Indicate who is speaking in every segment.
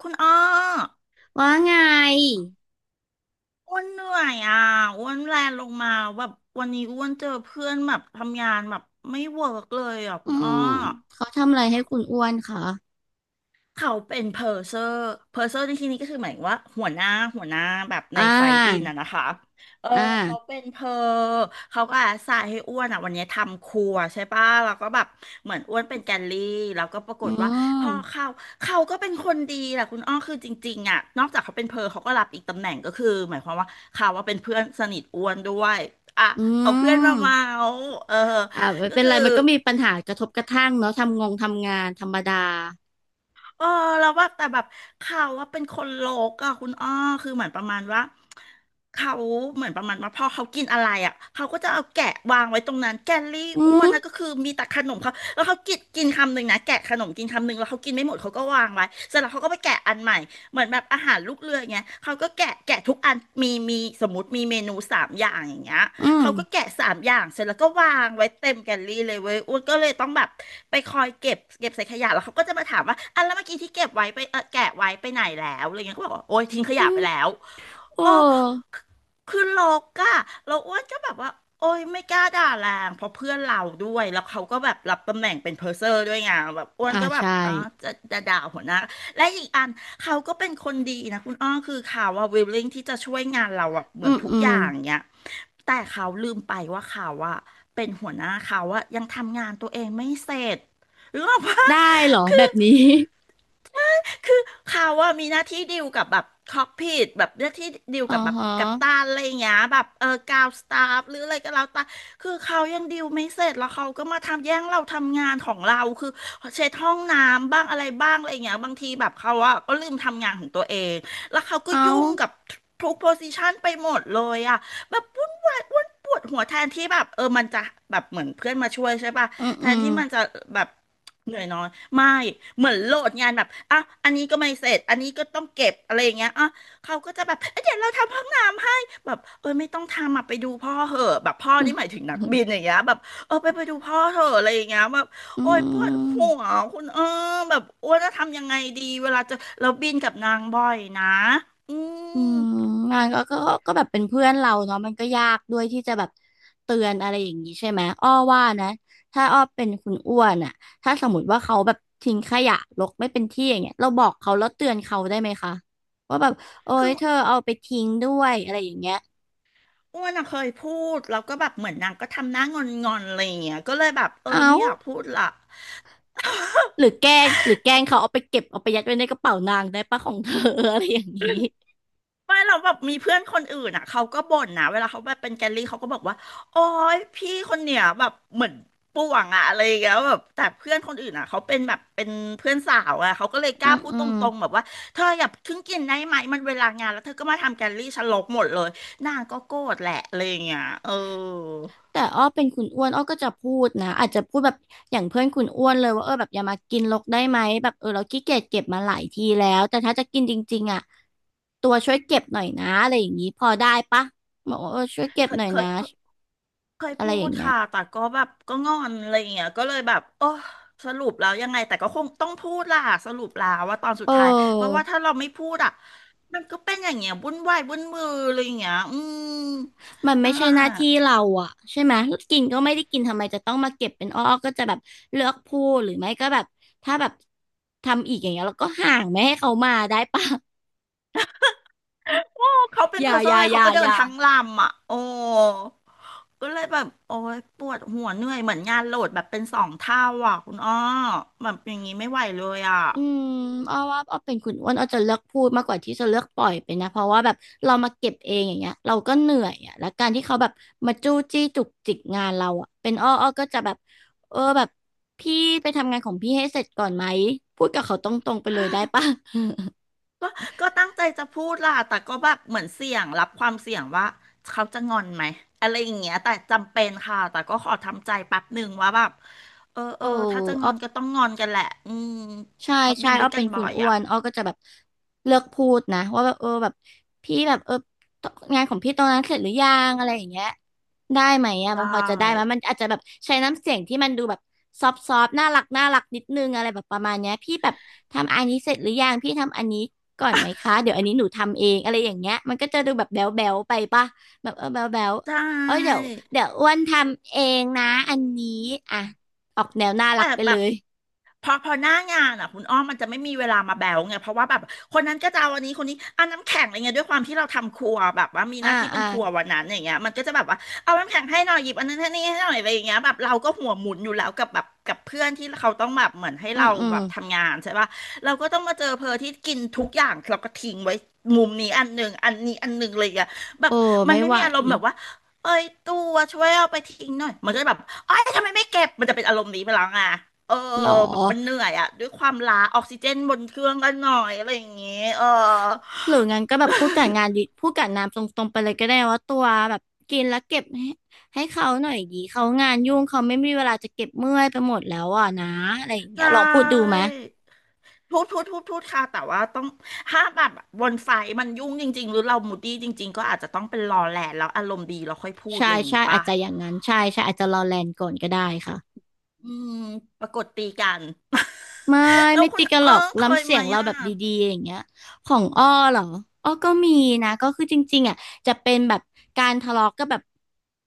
Speaker 1: คุณอ้อ
Speaker 2: ว่าไง
Speaker 1: อ้วนเหนื่อยอ่ะอ้วนแลนลงมาแบบวันนี้อ้วนเจอเพื่อนแบบทำงานแบบไม่เวิร์กเลยอ่ะ
Speaker 2: อื
Speaker 1: คุณอ้อ
Speaker 2: มเขาทำอะไรให้คุณอ้วนคะ
Speaker 1: เขาเป็นเพอร์เซอร์เพอร์เซอร์ในที่นี้ก็คือหมายถึงว่าหัวหน้าแบบ
Speaker 2: อ่
Speaker 1: ในไฟล์บิน
Speaker 2: า
Speaker 1: อะนะคะ เออ
Speaker 2: อ
Speaker 1: เขา
Speaker 2: ่า
Speaker 1: เป็นเพอเขาก็อาสาให้อ้วนอ่ะวันนี้ทำครัวใช่ป่ะแล้วก็แบบเหมือนอ้วนเป็นแกลลี่แล้วก็ปราก
Speaker 2: อื
Speaker 1: ฏว่าพ่อ
Speaker 2: ม
Speaker 1: เขาเขาก็เป็นคนดีแหละคุณอ้อคือจริงๆอ่ะนอกจากเขาเป็นเพอเขาก็รับอีกตำแหน่งก็คือหมายความว่าเขาว่าเป็นเพื่อนสนิทอ้วนด้วยอ่ะ
Speaker 2: อื
Speaker 1: เอาเพื่อนมาเมา
Speaker 2: ม
Speaker 1: เออ
Speaker 2: อ่าไม่
Speaker 1: ก็
Speaker 2: เป็น
Speaker 1: คื
Speaker 2: ไร
Speaker 1: อ
Speaker 2: มันก็มีปัญหากระทบกระทั่งเนาะทำงานธรรมดา
Speaker 1: เออแล้วแบบแต่แบบเขาว่าเป็นคนโลกอะคุณอ้อคือเหมือนประมาณว่าเขาเหมือนประมาณว่าพอเขากินอะไรอะเขาก็จะเอาแกะวางไว้ตรงนั้นแกลลี่
Speaker 2: อื
Speaker 1: อ้ว
Speaker 2: ม
Speaker 1: นนะก็คือมีแต่ขนมเขาแล้วเขากินกินคำหนึ่งนะแกะขนมกินคำหนึ่งแล้วเขากินไม่หมดเขาก็วางไว้เสร็จแล้วเขาก็ไปแกะอันใหม่เหมือนแบบอาหารลูกเรืออย่างเงี้ยเขาก็แกะทุกอันมีสมมติมีเมนูสามอย่างอย่างเงี้ย
Speaker 2: อืม
Speaker 1: เขาก็แกะสามอย่างเสร็จแล้วก็วางไว้เต็มแกลลี่เลยเว้ยอ้วนก็เลยต้องแบบไปคอยเก็บใส่ขยะแล้วเขาก็จะมาถามว่าอันแล้วเมื่อกี้ที่เก็บไว้ไปแกะไว้ไปไหนแล้วอะไรเงี้ยก็บอกว่าโอ๊ยทิ้งข
Speaker 2: อื
Speaker 1: ยะไป
Speaker 2: ม
Speaker 1: แล้ว
Speaker 2: โอ้
Speaker 1: อ๋อคือคือลกอะเราอ้วนก็แบบว่าโอ้ยไม่กล้าด่าแรง เพราะเพื่อนเราด้วยแล้วเขาก็แบบรับตำแหน่งเป็นเพอร์เซอร์ด้วยไงแบบอ้วน
Speaker 2: อ่า
Speaker 1: ก็แบบ
Speaker 2: ใช่
Speaker 1: อ๋อจะด่าหัวหน้า และอีกอันเขาก็เป็นคนดีนะคุณอ้อคือเขาว่าวิลลิ่งที่จะช่วยงานเราอะเห
Speaker 2: อื
Speaker 1: มือน
Speaker 2: ม
Speaker 1: ทุก
Speaker 2: อื
Speaker 1: อ
Speaker 2: ม
Speaker 1: ย่างเนี้ยแต่เขาลืมไปว่าเขาอะเป็นหัวหน้าเขาอะยังทำงานตัวเองไม่เสร็จหรือเปล่า
Speaker 2: ได้เหรอแบบ นี้
Speaker 1: คือเขาว่ามีหน้าที่ดีลกับแบบคอกพิทแบบหน้าที่ดีล
Speaker 2: อ๋อ
Speaker 1: กับแบบ
Speaker 2: ฮะ
Speaker 1: กัปตันอะไรอย่างเงี้ยแบบเออกาวสตาฟหรืออะไรก็แล้วแต่คือเขายังดีลไม่เสร็จแล้วเขาก็มาทำแย่งเราทำงานของเราคือเช็ดห้องน้ำบ้างอะไรบ้างอะไรอย่างเงี้ยบางทีแบบเขาอะก็ลืมทำงานของตัวเองแล้วเขาก็
Speaker 2: เอา
Speaker 1: ยุ่งกับทุกโพซิชันไปหมดเลยอะแบบวุ่นวายวุ่นปวดหัวแทนที่แบบเออมันจะแบบเหมือนเพื่อนมาช่วยใช่ป่ะ
Speaker 2: อืม
Speaker 1: แท
Speaker 2: อื
Speaker 1: น
Speaker 2: ม
Speaker 1: ที่มันจะแบบ เหนื่อยน้อยไม่เหมือนโหลดงานแบบอ่ะอันนี้ก็ไม่เสร็จอันนี้ก็ต้องเก็บอะไรอย่างเงี้ยอ่ะเขาก็จะแบบเอ้ยเดี๋ยวเราทำห้องน้ำให้แบบเออไม่ต้องทำอ่ะไปดูพ่อเหอะแบบพ่อนี่หมายถึงนักบินอย่างเงี้ยแบบเออไปดูพ่อเถอะอะไรอย่างเงี้ยแบบ
Speaker 2: อื
Speaker 1: โอ้ยปวด
Speaker 2: ม
Speaker 1: หัวคุณแบบโอ้ยจะทำยังไงดีเวลาจะเราบินกับนางบ่อยนะอื
Speaker 2: อื
Speaker 1: ม
Speaker 2: มงานก็แบบเป็นเพื่อนเราเนาะมันก็ยากด้วยที่จะแบบเตือนอะไรอย่างนี้ใช่ไหมอ้อว่านะถ้าอ้อเป็นคุณอ้วนอ่ะถ้าสมมติว่าเขาแบบทิ้งขยะรกไม่เป็นที่อย่างเงี้ยเราบอกเขาแล้วเตือนเขาได้ไหมคะว่าแบบโอ๊
Speaker 1: คื
Speaker 2: ย
Speaker 1: อ
Speaker 2: เธอเอาไปทิ้งด้วยอะไรอย่างเงี้ย
Speaker 1: อ้วนอะเคยพูดแล้วก็แบบเหมือนนางก็ทำหน้างอนๆอะไรอย่างเงี้ยก็เลยแบบเอ
Speaker 2: เอ้า
Speaker 1: อไม่อยากพูดละ
Speaker 2: หรือแกล้งเขาเอาไปเก็บเอาไปยัดไว้ในกระเป๋านางได้ปะของเธอ อะไรอย่างนี้
Speaker 1: ไม่เราแบบมีเพื่อนคนอื่นอ่ะเขาก็บ่นนะเวลาเขาแบบเป็นแกลลี่เขาก็บอกว่าโอ๊ยพี่คนเนี่ยแบบเหมือนป่วงอะอะไรอย่างเงี้ยแบบแต่เพื่อนคนอื่นอ่ะเขาเป็นแบบเป็นเพื่อนสาวอ่ะเขาก็เลยก
Speaker 2: อื
Speaker 1: ล้า
Speaker 2: ม
Speaker 1: พูด
Speaker 2: อื
Speaker 1: ต
Speaker 2: ม
Speaker 1: รงๆแบบว่าเธออย่าเพิ่งกินได้ไหมมันเวลางานแล้วเธอก็มาทำแกลลี่ฉันลบหมดเลยนางก็โกรธแหละอะไรอย่างเงี้ยเออ
Speaker 2: แต่อ้อเป็นคุณอ้วนอ้อก็จะพูดนะอาจจะพูดแบบอย่างเพื่อนคุณอ้วนเลยว่าเออแบบอย่ามากินรกได้ไหมแบบเออเราขี้เกียจเก็บมาหลายทีแล้วแต่ถ้าจะกินจริงๆอ่ะตัวช่วยเก็บหน่อยนะอะไรอย่างนี้พอได้ปะบอกว่าเออช่วยเก็
Speaker 1: เค
Speaker 2: บ
Speaker 1: ย
Speaker 2: หน่อย
Speaker 1: เค
Speaker 2: นะ
Speaker 1: ย เคย
Speaker 2: อะไร
Speaker 1: พู
Speaker 2: อย่า
Speaker 1: ด
Speaker 2: งเงี้ย
Speaker 1: ค่ะ แต่ก็แบบก็งอนอะไรอย่างเงี้ยก็เลยแบบโอ้สรุปแล้วยังไงแต่ก็คงต้องพูดล่ะสรุปแล้วว่าตอนสุ
Speaker 2: เ
Speaker 1: ดท้ายเพราะ
Speaker 2: ออ
Speaker 1: ว่าถ้าเราไม่พูดอ่ะมันก็เป็นอย่างเงี้ยวุ่นวายวุ่นมืออะไรอย่างเงี้ยอืม
Speaker 2: มันไม่
Speaker 1: นั่นแห
Speaker 2: ใช่
Speaker 1: ล
Speaker 2: หน้าที่
Speaker 1: ะ
Speaker 2: เราอ่ะใช่ไหมกินก็ไม่ได้กินทำไมจะต้องมาเก็บเป็นอ้อก็จะแบบเลือกพูดหรือไม่ก็แบบถ้าแบบทำอีกอย่างเงี้ยเราก็ห่างไม่ให้เขามาได้ปะ
Speaker 1: โอ้เขาเป็น
Speaker 2: อ
Speaker 1: เพ
Speaker 2: ย่า
Speaker 1: อร์ซ
Speaker 2: อย่า
Speaker 1: น
Speaker 2: อ
Speaker 1: เขา
Speaker 2: ย่า
Speaker 1: ก็เดิ
Speaker 2: อ
Speaker 1: น
Speaker 2: ย่า
Speaker 1: ทั้งลำอ่ะโอ้ก็เลยแบบโอ้ยปวดหัวเหนื่อยเหมือนงานโหลดแบบเป็นสองเท่าอ่ะคุณอ้อแบบอย่างงี้ไม่ไหวเลยอ่ะ
Speaker 2: อืมอ้อว่าอ้อเป็นคุณอ้วนอ้อจะเลือกพูดมากกว่าที่จะเลือกปล่อยไปนะเพราะว่าแบบเรามาเก็บเองอย่างเงี้ยเราก็เหนื่อยอ่ะแล้วการที่เขาแบบมาจู้จี้จุกจิกงานเราอ่ะเป็นอ้อก็จะแบบเออแบบพี่ไปทำงานของพี่ให้เสร็จก่อนไหมพูดกับเขาตรงๆไปเลยได้ปะ
Speaker 1: ก็ก็ตั้งใจจะพูดล่ะ แต่ก็แบบเหมือนเสี่ยงรับความเสี่ยงว่าเขาจะงอนไหมอะไรอย่างเงี้ยแต่จำเป็นค่ะ แต่ก็ขอทำใจแป๊บหนึ่งว่าแบบ เออเอ
Speaker 2: โอ้
Speaker 1: อ ถ้าจะง
Speaker 2: อ้อ
Speaker 1: อนก็ต้องงอนกันแหละ อืม
Speaker 2: ใช่
Speaker 1: เพราะ
Speaker 2: ใช่
Speaker 1: บินด้
Speaker 2: อ้
Speaker 1: ว
Speaker 2: อ
Speaker 1: ยกั
Speaker 2: เป็
Speaker 1: น
Speaker 2: นคุ
Speaker 1: บ่อ
Speaker 2: ณ
Speaker 1: ย
Speaker 2: อ้ว
Speaker 1: อ่ะ
Speaker 2: นอ้อก็จะแบบเลือกพูดนะว่าแบบเออแบบพี่แบบเอองานของพี่ตรงนั้นเสร็จหรือยังอะไรอย่างเงี้ยได้ไหมอ่ะ
Speaker 1: ใช
Speaker 2: มันพอจะได้ไหม
Speaker 1: ่
Speaker 2: มันอาจจะแบบใช้น้ำเสียงที่มันดูแบบซอฟน่ารักนิดนึงอะไรแบบประมาณเนี้ยพี่แบบทำอันนี้เสร็จหรือยังพี่ทำอันนี้ก่อนไหมคะเดี๋ยวอันนี้หนูทำเองอะไรอย่างเงี้ยมันก็จะดูแบบแบ๊วแบวไปป่ะแบบเออแบ๊วแบว
Speaker 1: ใช่
Speaker 2: เอ้ยเดี๋ยวอ้วนทำเองนะอันนี้อ่ะออกแนวน่ารั
Speaker 1: แต่
Speaker 2: กไป
Speaker 1: แบ
Speaker 2: เล
Speaker 1: บ
Speaker 2: ย
Speaker 1: พอพอหน้างานอ่ะคุณอ้อมมันจะไม่มีเวลามาแบวไงเพราะว่าแบบคนนั้นก็จะเอาอันนี้คนนี้เอานน้ำแข็งอะไรเงี้ยด้วยความที่เราทำครัวแบบว่ามีห
Speaker 2: อ่า
Speaker 1: น้าที่เป็
Speaker 2: อ่า
Speaker 1: นครัววันนั้นอย่างเงี้ยมันก็จะแบบว่าเอาน้ำแข็งให้หน่อยหยิบอันนั้นให้นี่ให้หน่อยอะไรอย่างเงี้ยแบบเราก็หัวหมุนอยู่แล้วกับแบบกับเพื่อนที่เขาต้องแบบเหมือนให้
Speaker 2: อื
Speaker 1: เรา
Speaker 2: มอื
Speaker 1: แบ
Speaker 2: ม
Speaker 1: บทำงานใช่ปะเราก็ต้องมาเจอเพอที่กินทุกอย่างเราก็ทิ้งไว้มุมนี้อันหนึ่งอันนี้อันหนึ่งเลยอะแบ
Speaker 2: เอ
Speaker 1: บ
Speaker 2: อ
Speaker 1: มัน
Speaker 2: ไม่
Speaker 1: ไม่
Speaker 2: ไหว
Speaker 1: มีอารมณ์แบบว่า เอ้ยตัวช่วยเอาไปทิ้งหน่อยมันก็จะแบบเอ้ยทำไมไม่เก็บมันจะเป็นอารมณ์นี้ไปแล้วอ่ะเออ
Speaker 2: หรอ
Speaker 1: แบบมันเหนื่อยอะด้วยความล้าออกซิเจนบนเครื่องกันหน่อยอะไรอย่างเงี้ยเออ
Speaker 2: หรืองั้นก็แบบพูดกับงานดิพูดกับน้ำตรงๆไปเลยก็ได้ว่าตัวแบบกินแล้วเก็บให้เขาหน่อยดีเขางานยุ่งเขาไม่มีเวลาจะเก็บเมื่อยไปหมดแล้วอ่ะนะอะไรอย่างเงี้
Speaker 1: ใช่
Speaker 2: ยลองพูดดูไหม
Speaker 1: พูดค่ะแต่ว่าต้องถ้าแบบบนไฟมันยุ่งจริงๆหรือเรามูดดี้จริงๆก็อาจจะต้องเป็นรอแหละแล้วอารมณ์ดีเราค่อยพูด
Speaker 2: ใช่
Speaker 1: อะไรอย่าง
Speaker 2: ใช่
Speaker 1: งี้
Speaker 2: อา
Speaker 1: ป่ะ
Speaker 2: จจะอย่างนั้นใช่ใช่อาจจะรอแลนก่อนก็ได้ค่ะ
Speaker 1: อืมปรากฏตีกัน
Speaker 2: ไม่
Speaker 1: แล้ว
Speaker 2: ไม่
Speaker 1: คุ
Speaker 2: ติ
Speaker 1: ณ
Speaker 2: ดกันหรอก
Speaker 1: เค
Speaker 2: ล้ำ
Speaker 1: ย
Speaker 2: เสี
Speaker 1: ไห
Speaker 2: ย
Speaker 1: ม
Speaker 2: งเรา
Speaker 1: อ่ะ
Speaker 2: แบบดีๆอย่างเงี้ยของอ้อเหรออ้อก็มีนะก็คือจริงๆอ่ะจะเป็นแบบการทะเลาะก็แบบ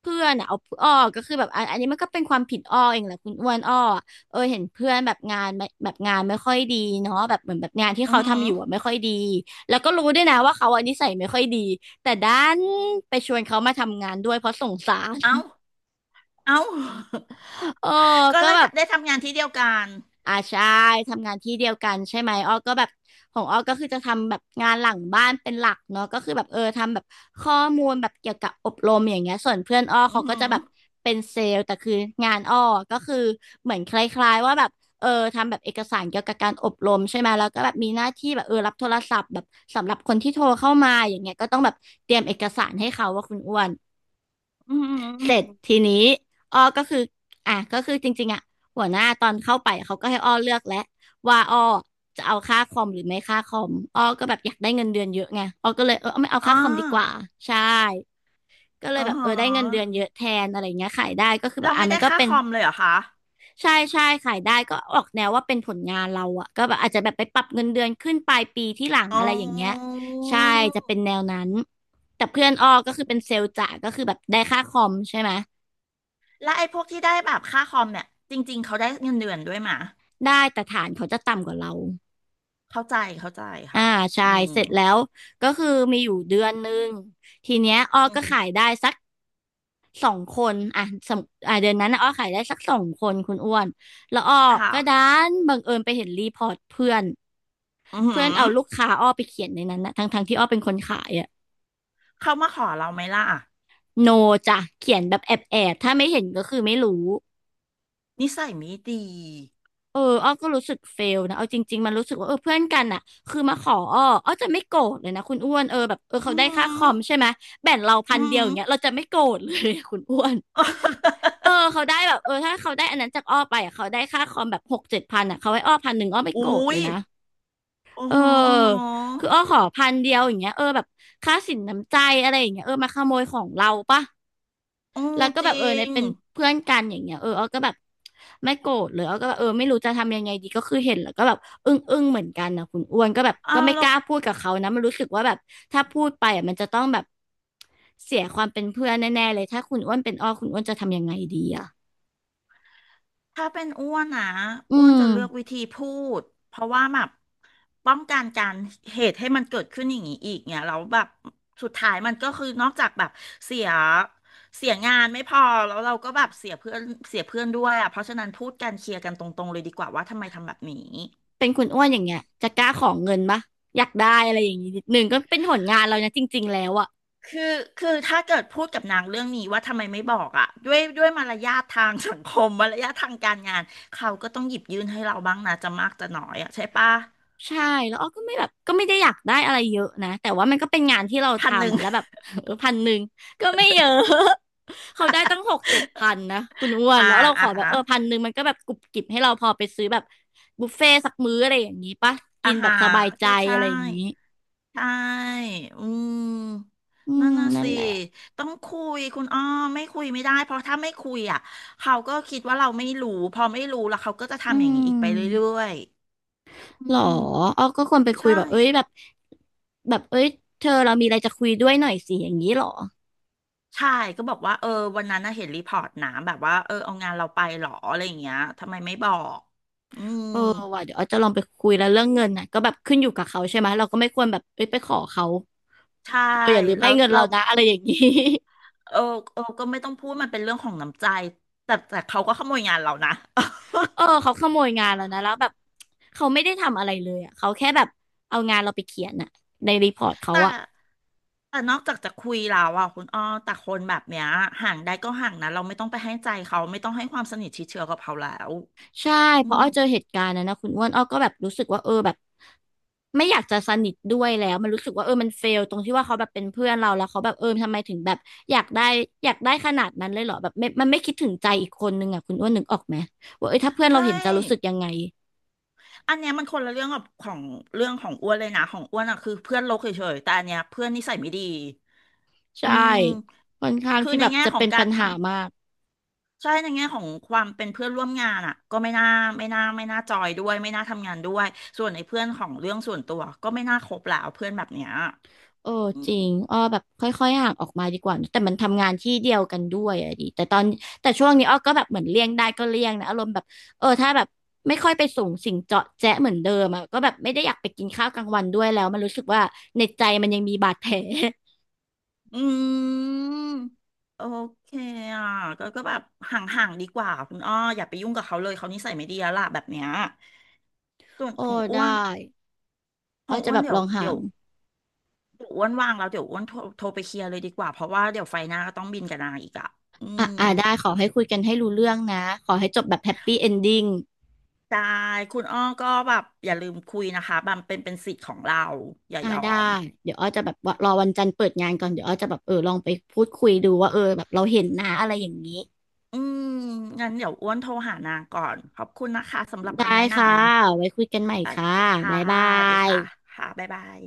Speaker 2: เพื่อนอ่ะเอาอ้อก็คือแบบอันนี้มันก็เป็นความผิดอ้อเองแหละคุณอ้วนอ้ออะเออเห็นเพื่อนแบบงานไม่ค่อยดีเนาะแบบเหมือนแบบงานที่
Speaker 1: อื
Speaker 2: เขา
Speaker 1: ม
Speaker 2: ทำอยู่อ่ะไม่ค่อยดีแล้วก็รู้ด้วยนะว่าเขาอันนิสัยไม่ค่อยดีแต่ด้านไปชวนเขามาทำงานด้วยเพราะสงสาร
Speaker 1: เอ้าเอ้า
Speaker 2: เออ
Speaker 1: ก็
Speaker 2: ก็
Speaker 1: เลย
Speaker 2: แบบ
Speaker 1: ได้ทำงานที่เดียวกัน
Speaker 2: อ่าใช่ทำงานที่เดียวกันใช่ไหมอ้อก็แบบของอ้อก็คือจะทำแบบงานหลังบ้านเป็นหลักเนาะก็คือแบบเออทำแบบข้อมูลแบบเกี่ยวกับอบรมอย่างเงี้ยส่วนเพื่อนอ้อ
Speaker 1: อื
Speaker 2: เขา
Speaker 1: อ
Speaker 2: ก็
Speaker 1: หื
Speaker 2: จะ
Speaker 1: อ
Speaker 2: แบบเป็นเซลล์แต่คืองานอ้อก็คือเหมือนคล้ายๆว่าแบบเออทำแบบเอกสารเกี่ยวกับการอบรมใช่ไหมแล้วก็แบบมีหน้าที่แบบเออรับโทรศัพท์แบบสำหรับคนที่โทรเข้ามาอย่างเงี้ยก็ต้องแบบเตรียมเอกสารให้เขาว่าคุณอ้วน
Speaker 1: อือหืออื
Speaker 2: เส
Speaker 1: อ
Speaker 2: ร็จ
Speaker 1: หือ
Speaker 2: ทีนี้อ้อก็คืออ่ะก็คือจริงๆอ่ะหัวหน้าตอนเข้าไปเขาก็ให้อ้อเลือกแล้วว่าอ้อจะเอาค่าคอมหรือไม่ค่าคอมอ้อก็แบบอยากได้เงินเดือนเยอะไงอ้อก็เลยเอาไม่เอา
Speaker 1: อ๋อ
Speaker 2: ค่าคอมดีกว่าใช่ก็เล
Speaker 1: อ๋
Speaker 2: ย
Speaker 1: อ
Speaker 2: แบบ
Speaker 1: หื
Speaker 2: ได้เงินเดือน
Speaker 1: อ
Speaker 2: เยอะแทนอะไรเงี้ยขายได้ก็คือแบบ
Speaker 1: เรา
Speaker 2: อ่ะ
Speaker 1: ไม่
Speaker 2: มั
Speaker 1: ได้
Speaker 2: นก็
Speaker 1: ค่า
Speaker 2: เป็น
Speaker 1: คอมเลยเหรอคะ
Speaker 2: ใช่ใช่ขายได้ก็ออกแนวว่าเป็นผลงานเราอ่ะก็แบบอาจจะแบบไปปรับเงินเดือนขึ้นปลายปีที่หลัง
Speaker 1: อ๋
Speaker 2: อะไรอย่างเงี้ย
Speaker 1: อ
Speaker 2: ใช่จะเป็นแนวนั้นแต่เพื่อนอ้อก็คือเป็นเซลล์จ่าก็คือแบบได้ค่าคอมใช่ไหม
Speaker 1: แล้วไอ้พวกที่ได้แบบค่าคอมเนี่ยจริงๆเขาได้เงินเดือนด้วยมะ
Speaker 2: ได้แต่ฐานเขาจะต่ำกว่าเรา
Speaker 1: เข้าใจเข้าใจ
Speaker 2: อ่า
Speaker 1: ค่ะ
Speaker 2: ใช่
Speaker 1: อืม
Speaker 2: เสร็จแล้วก็คือมีอยู่เดือนหนึ่งทีเนี้ยอ้อ
Speaker 1: อื
Speaker 2: ก็
Speaker 1: ม
Speaker 2: ขายได้สักสองคนอ่ะสมอ่ะเดือนนั้นน่ะอ้อขายได้สักสองคนคุณอ้วนแล้วอ้อ
Speaker 1: ค่ะ
Speaker 2: ก็ดันบังเอิญไปเห็นรีพอร์ตเพื่อน
Speaker 1: อือหื
Speaker 2: เพื่อน
Speaker 1: อ
Speaker 2: เอาลูกค้าอ้อไปเขียนในนั้นนะทั้งที่อ้อเป็นคนขายอะ
Speaker 1: เขามาขอเราไหมล่ะ
Speaker 2: โนจ้ะเขียนแบบแอบถ้าไม่เห็นก็คือไม่รู้
Speaker 1: นิสัยไม่ดี
Speaker 2: เอออ้อก็รู้สึกเฟลนะเอาจริงๆมันรู้สึกว่าเออเพื่อนกันอ่ะคือมาขออ้ออ้อจะไม่โกรธเลยนะคุณอ้วน เออแบบเออเขา
Speaker 1: อือ
Speaker 2: ได้
Speaker 1: หื
Speaker 2: ค่าค
Speaker 1: อ
Speaker 2: อมใช่ไหมแบ่งเราพั
Speaker 1: อื
Speaker 2: น
Speaker 1: อหื
Speaker 2: เดียวอย่าง
Speaker 1: อ
Speaker 2: เงี้ยเราจะไม่โกรธเลย อะคุณอ้วนเออ เขาได้แบบเออถ้าเขาได้อันนั้นจากอ้อไปอ่ะเขาได้ค่าคอมแบบหกเจ็ดพันอ่ะเขาให้อ้อพันหนึ่งอ้อไม่โกรธ
Speaker 1: อุ้
Speaker 2: เล
Speaker 1: ย
Speaker 2: ยนะ
Speaker 1: โอ้
Speaker 2: เ
Speaker 1: โหโอ้โห
Speaker 2: ออคืออ้อขอพันเดียวอย่างเงี้ยเออแบบค่าสินน้ำใจอะไรอย่างเงี้ยเออมาขโมยของเราปะ
Speaker 1: โอ้
Speaker 2: แล้วก็
Speaker 1: จ
Speaker 2: แบบเออ
Speaker 1: ริ
Speaker 2: ใน
Speaker 1: ง
Speaker 2: เป็นเพื่อนกันอย่างเงี้ยเออเอาก็แบบไม่โกรธเลยเอาก็แบบเออไม่รู้จะทำยังไงดีก็คือเห็นแล้วก็แบบอึ้งเหมือนกันนะคุณอ้วนก็แบบก็
Speaker 1: อ้าว
Speaker 2: ไม่
Speaker 1: แล
Speaker 2: กล้าพูดกับเขานะมันรู้สึกว่าแบบถ้าพูดไปอ่ะมันจะต้องแบบเสียความเป็นเพื่อนแน่ๆเลยถ้าคุณอ้วนเป็นอ้อคุณอ้วนจะทำยังไงดีอ่ะ
Speaker 1: ถ้าเป็นอ้วนนะ
Speaker 2: อื
Speaker 1: อ้วน
Speaker 2: ม
Speaker 1: จะเลือกวิธีพูดเพราะว่าแบบป้องกันการเหตุให้มันเกิดขึ้นอย่างนี้อีกเนี่ยแล้วแบบสุดท้ายมันก็คือนอกจากแบบเสียเสียงานไม่พอแล้วเราก็แบบเสียเพื่อนเสียเพื่อนด้วยอ่ะเพราะฉะนั้นพูดกันเคลียร์กันตรงๆเลยดีกว่าว่าทำไมทำแบบนี้
Speaker 2: เป็นคุณอ้วนอย่างเงี้ยจะกล้าของเงินปะอยากได้อะไรอย่างงี้นิดนึงก็เป็นผลงานเรานะจริงๆแล้วอะ
Speaker 1: คือคือถ้าเกิดพูดกับนางเรื่องนี้ว่าทำไมไม่บอกอ่ะด้วยมารยาททางสังคม มารยาททางการงานเขาก็ต้องหยิบยื่นให้เราบ้างนะจะมากจะน้อยอ่ะใช่ปะ
Speaker 2: ใช่แล้วอ้อก็ไม่แบบก็ไม่ได้อยากได้อะไรเยอะนะแต่ว่ามันก็เป็นงานที่เรา
Speaker 1: พันหนึ่
Speaker 2: ทำ
Speaker 1: ง
Speaker 2: อ่ะแล้วแบบ เออพันหนึ่งก็ไม่เยอะ เขาได้ตั้งหกเจ็ดพันนะคุณอ้ว น
Speaker 1: อ่า
Speaker 2: แล้วเราข
Speaker 1: อ่า
Speaker 2: อแบบ
Speaker 1: ฮะ
Speaker 2: เออพันหนึ่งมันก็แบบกุบกิบให้เราพอไปซื้อแบบบุฟเฟ่ต์สักมื้ออะไรอย่างนี้ปะกิ
Speaker 1: อา
Speaker 2: นแบ
Speaker 1: หา
Speaker 2: บสบา
Speaker 1: ร
Speaker 2: ยใจ
Speaker 1: ก็ใช่
Speaker 2: อะไรอย่างนี้
Speaker 1: ใช่อืม
Speaker 2: อื
Speaker 1: นั่
Speaker 2: ม
Speaker 1: นน่ะ
Speaker 2: นั่น
Speaker 1: สิ
Speaker 2: แหละ
Speaker 1: ต้องคุยคุณอ้อไม่คุยไม่ได้เพราะถ้าไม่คุยอ่ะเขาก็คิดว่าเราไม่รู้พอไม่รู้แล้วเขาก็จะ
Speaker 2: อื
Speaker 1: ทำอย่างนี้อีกไปเรื่
Speaker 2: ม
Speaker 1: อยๆอื
Speaker 2: หรอ
Speaker 1: ม
Speaker 2: อ้อก็ควรไปคุย
Speaker 1: ใช่
Speaker 2: แบบเอ้ยแบบแบบเอ้ยเธอเรามีอะไรจะคุยด้วยหน่อยสิอย่างนี้หรอ
Speaker 1: ใช่ก็บอกว่าเออวันนั้นน่ะเห็นรีพอร์ตหนาแบบว่าเออเอางานเราไปเหรออะไรอย่างเงี้ยทำไมไม่บอกอืม
Speaker 2: เออว่ะเดี๋ยวอ้อจะลองไปคุยแล้วเรื่องเงินนะก็แบบขึ้นอยู่กับเขาใช่ไหมเราก็ไม่ควรแบบเอ้ยไปขอเขา
Speaker 1: ใช่
Speaker 2: เธออย่าลืม
Speaker 1: แล้
Speaker 2: ให้
Speaker 1: ว
Speaker 2: เงิน
Speaker 1: เรา
Speaker 2: เรานะอะไรอย่างนี้
Speaker 1: เออเออก็ไม่ต้องพูดมันเป็นเรื่องของน้ำใจแต่เขาก็ขโมยงานเรานะ
Speaker 2: เออเขาขโมยงานเรานะแล้วแบบเขาไม่ได้ทำอะไรเลยอ่ะเขาแค่แบบเอางานเราไปเขียนอ่ะในรีพอร์ต เขา
Speaker 1: แต่
Speaker 2: อ่ะ
Speaker 1: แต่นอกจากจะคุยแล้วอ่ะคุณอ้อแต่คนแบบเนี้ยห่างได้ก็ห่างนะเราไม่ต้องไปให้ใจเขาไม่ต้องให้ความสนิทชิดเชื้อกับเขาแล้ว
Speaker 2: ใช่
Speaker 1: อื
Speaker 2: เพราะ
Speaker 1: ม
Speaker 2: อ้อเจอเหตุการณ์นั้นนะคุณอ้วนอ้อก็แบบรู้สึกว่าเออแบบไม่อยากจะสนิทด้วยแล้วมันรู้สึกว่าเออมันเฟลตรงที่ว่าเขาแบบเป็นเพื่อนเราแล้วเขาแบบเออทำไมถึงแบบอยากได้อยากได้ขนาดนั้นเลยเหรอแบบไม่มันไม่คิดถึงใจอีกคนนึงอ่ะคุณอ้วนนึกออกไหมว่าเออถ้าเพื่อนเรา
Speaker 1: ใช่
Speaker 2: เห็นจะรู้สึกยังไง
Speaker 1: อันเนี้ยมันคนละเรื่องกับของเรื่องของอ้วนเลยนะของอ้วนอ่ะคือเพื่อนโลกเฉยๆแต่อันเนี้ยเพื่อนนิสัยไม่ดีอื
Speaker 2: ใช่
Speaker 1: ม
Speaker 2: ค่อนข้าง
Speaker 1: คือ
Speaker 2: ที่
Speaker 1: ใน
Speaker 2: แบบ
Speaker 1: แง่
Speaker 2: จะ
Speaker 1: ขอ
Speaker 2: เป็
Speaker 1: ง
Speaker 2: นปั
Speaker 1: การ
Speaker 2: ญหา
Speaker 1: ทำ
Speaker 2: มาก
Speaker 1: ใช่ในแง่ของความเป็นเพื่อนร่วมงานอ่ะก็ไม่น่าไม่น่าจอยด้วยไม่น่าทำงานด้วยส่วนไอ้เพื่อนของเรื่องส่วนตัวก็ไม่น่าคบแล้วเพื่อนแบบเนี้ย
Speaker 2: เออจริงอ้อแบบค่อยๆห่างออกมาดีกว่า แต่มันทำงานที่เดียวกันด้วยอะดิแต่ตอนแต่ช่วงนี้อ้อก็แบบเหมือนเลี่ยงได้ก็เลี่ยงนะอารมณ์แบบเออถ้าแบบไม่ค่อยไปสูงสิงเจาะแจ๊ะเหมือนเดิมอะก็แบบไม่ได้อยากไปกินข้าวกลางวันด้วยแล้วมันรู้สึกว่าในใจมันยังมีบาดแผล
Speaker 1: อืมโอเคอ่ะก็แบบห่างๆดีกว่าคุณอ้ออย่าไปยุ่งกับเขาเลยเขานิสัยไม่ดีแล้วล่ะแบบเนี้ยส่ วน
Speaker 2: โอ้
Speaker 1: ของอ้
Speaker 2: ได้
Speaker 1: วนข
Speaker 2: อ้อ
Speaker 1: อง
Speaker 2: จะ
Speaker 1: อ้ว
Speaker 2: แบ
Speaker 1: น
Speaker 2: บ
Speaker 1: เดี๋
Speaker 2: ล
Speaker 1: ยว
Speaker 2: องห่า
Speaker 1: เดี๋ยว
Speaker 2: ง
Speaker 1: เดี๋ยวอ้วนว่างแล้วเดี๋ยวอ้วนโทรไปเคลียร์เลยดีกว่าเพราะว่าเดี๋ยวไฟหน้าก็ต้องบินกับนางอีกอ่ะอื
Speaker 2: อ่ะ
Speaker 1: ม
Speaker 2: อ่ะได้ขอให้คุยกันให้รู้เรื่องนะขอให้จบแบบแฮปปี้เอนดิ้ง
Speaker 1: ได้คุณอ้อก็แบบอย่าลืมคุยนะคะบัมเป็นสิทธิ์ของเราอย่า
Speaker 2: อ่ะ
Speaker 1: ยอ
Speaker 2: ได้
Speaker 1: ม
Speaker 2: เดี๋ยวอ้อจะแบบว่ารอวันจันทร์เปิดงานก่อนเดี๋ยวอ้อจะแบบเออลองไปพูดคุยดูว่าเออแบบเราเห็นนะอะไรอย่างนี้
Speaker 1: อืมงั้นเดี๋ยวอ้วนโทรหานางก่อนขอบคุณนะคะสำหรับ
Speaker 2: ได้
Speaker 1: คำแนะน
Speaker 2: ค่ะ ไว้
Speaker 1: ำ
Speaker 2: คุยกันใหม่
Speaker 1: โอ
Speaker 2: ค่ะ
Speaker 1: เคค่ะ
Speaker 2: บ๊ายบา
Speaker 1: ดี
Speaker 2: ย
Speaker 1: ค่ะค่ะบ๊ายบาย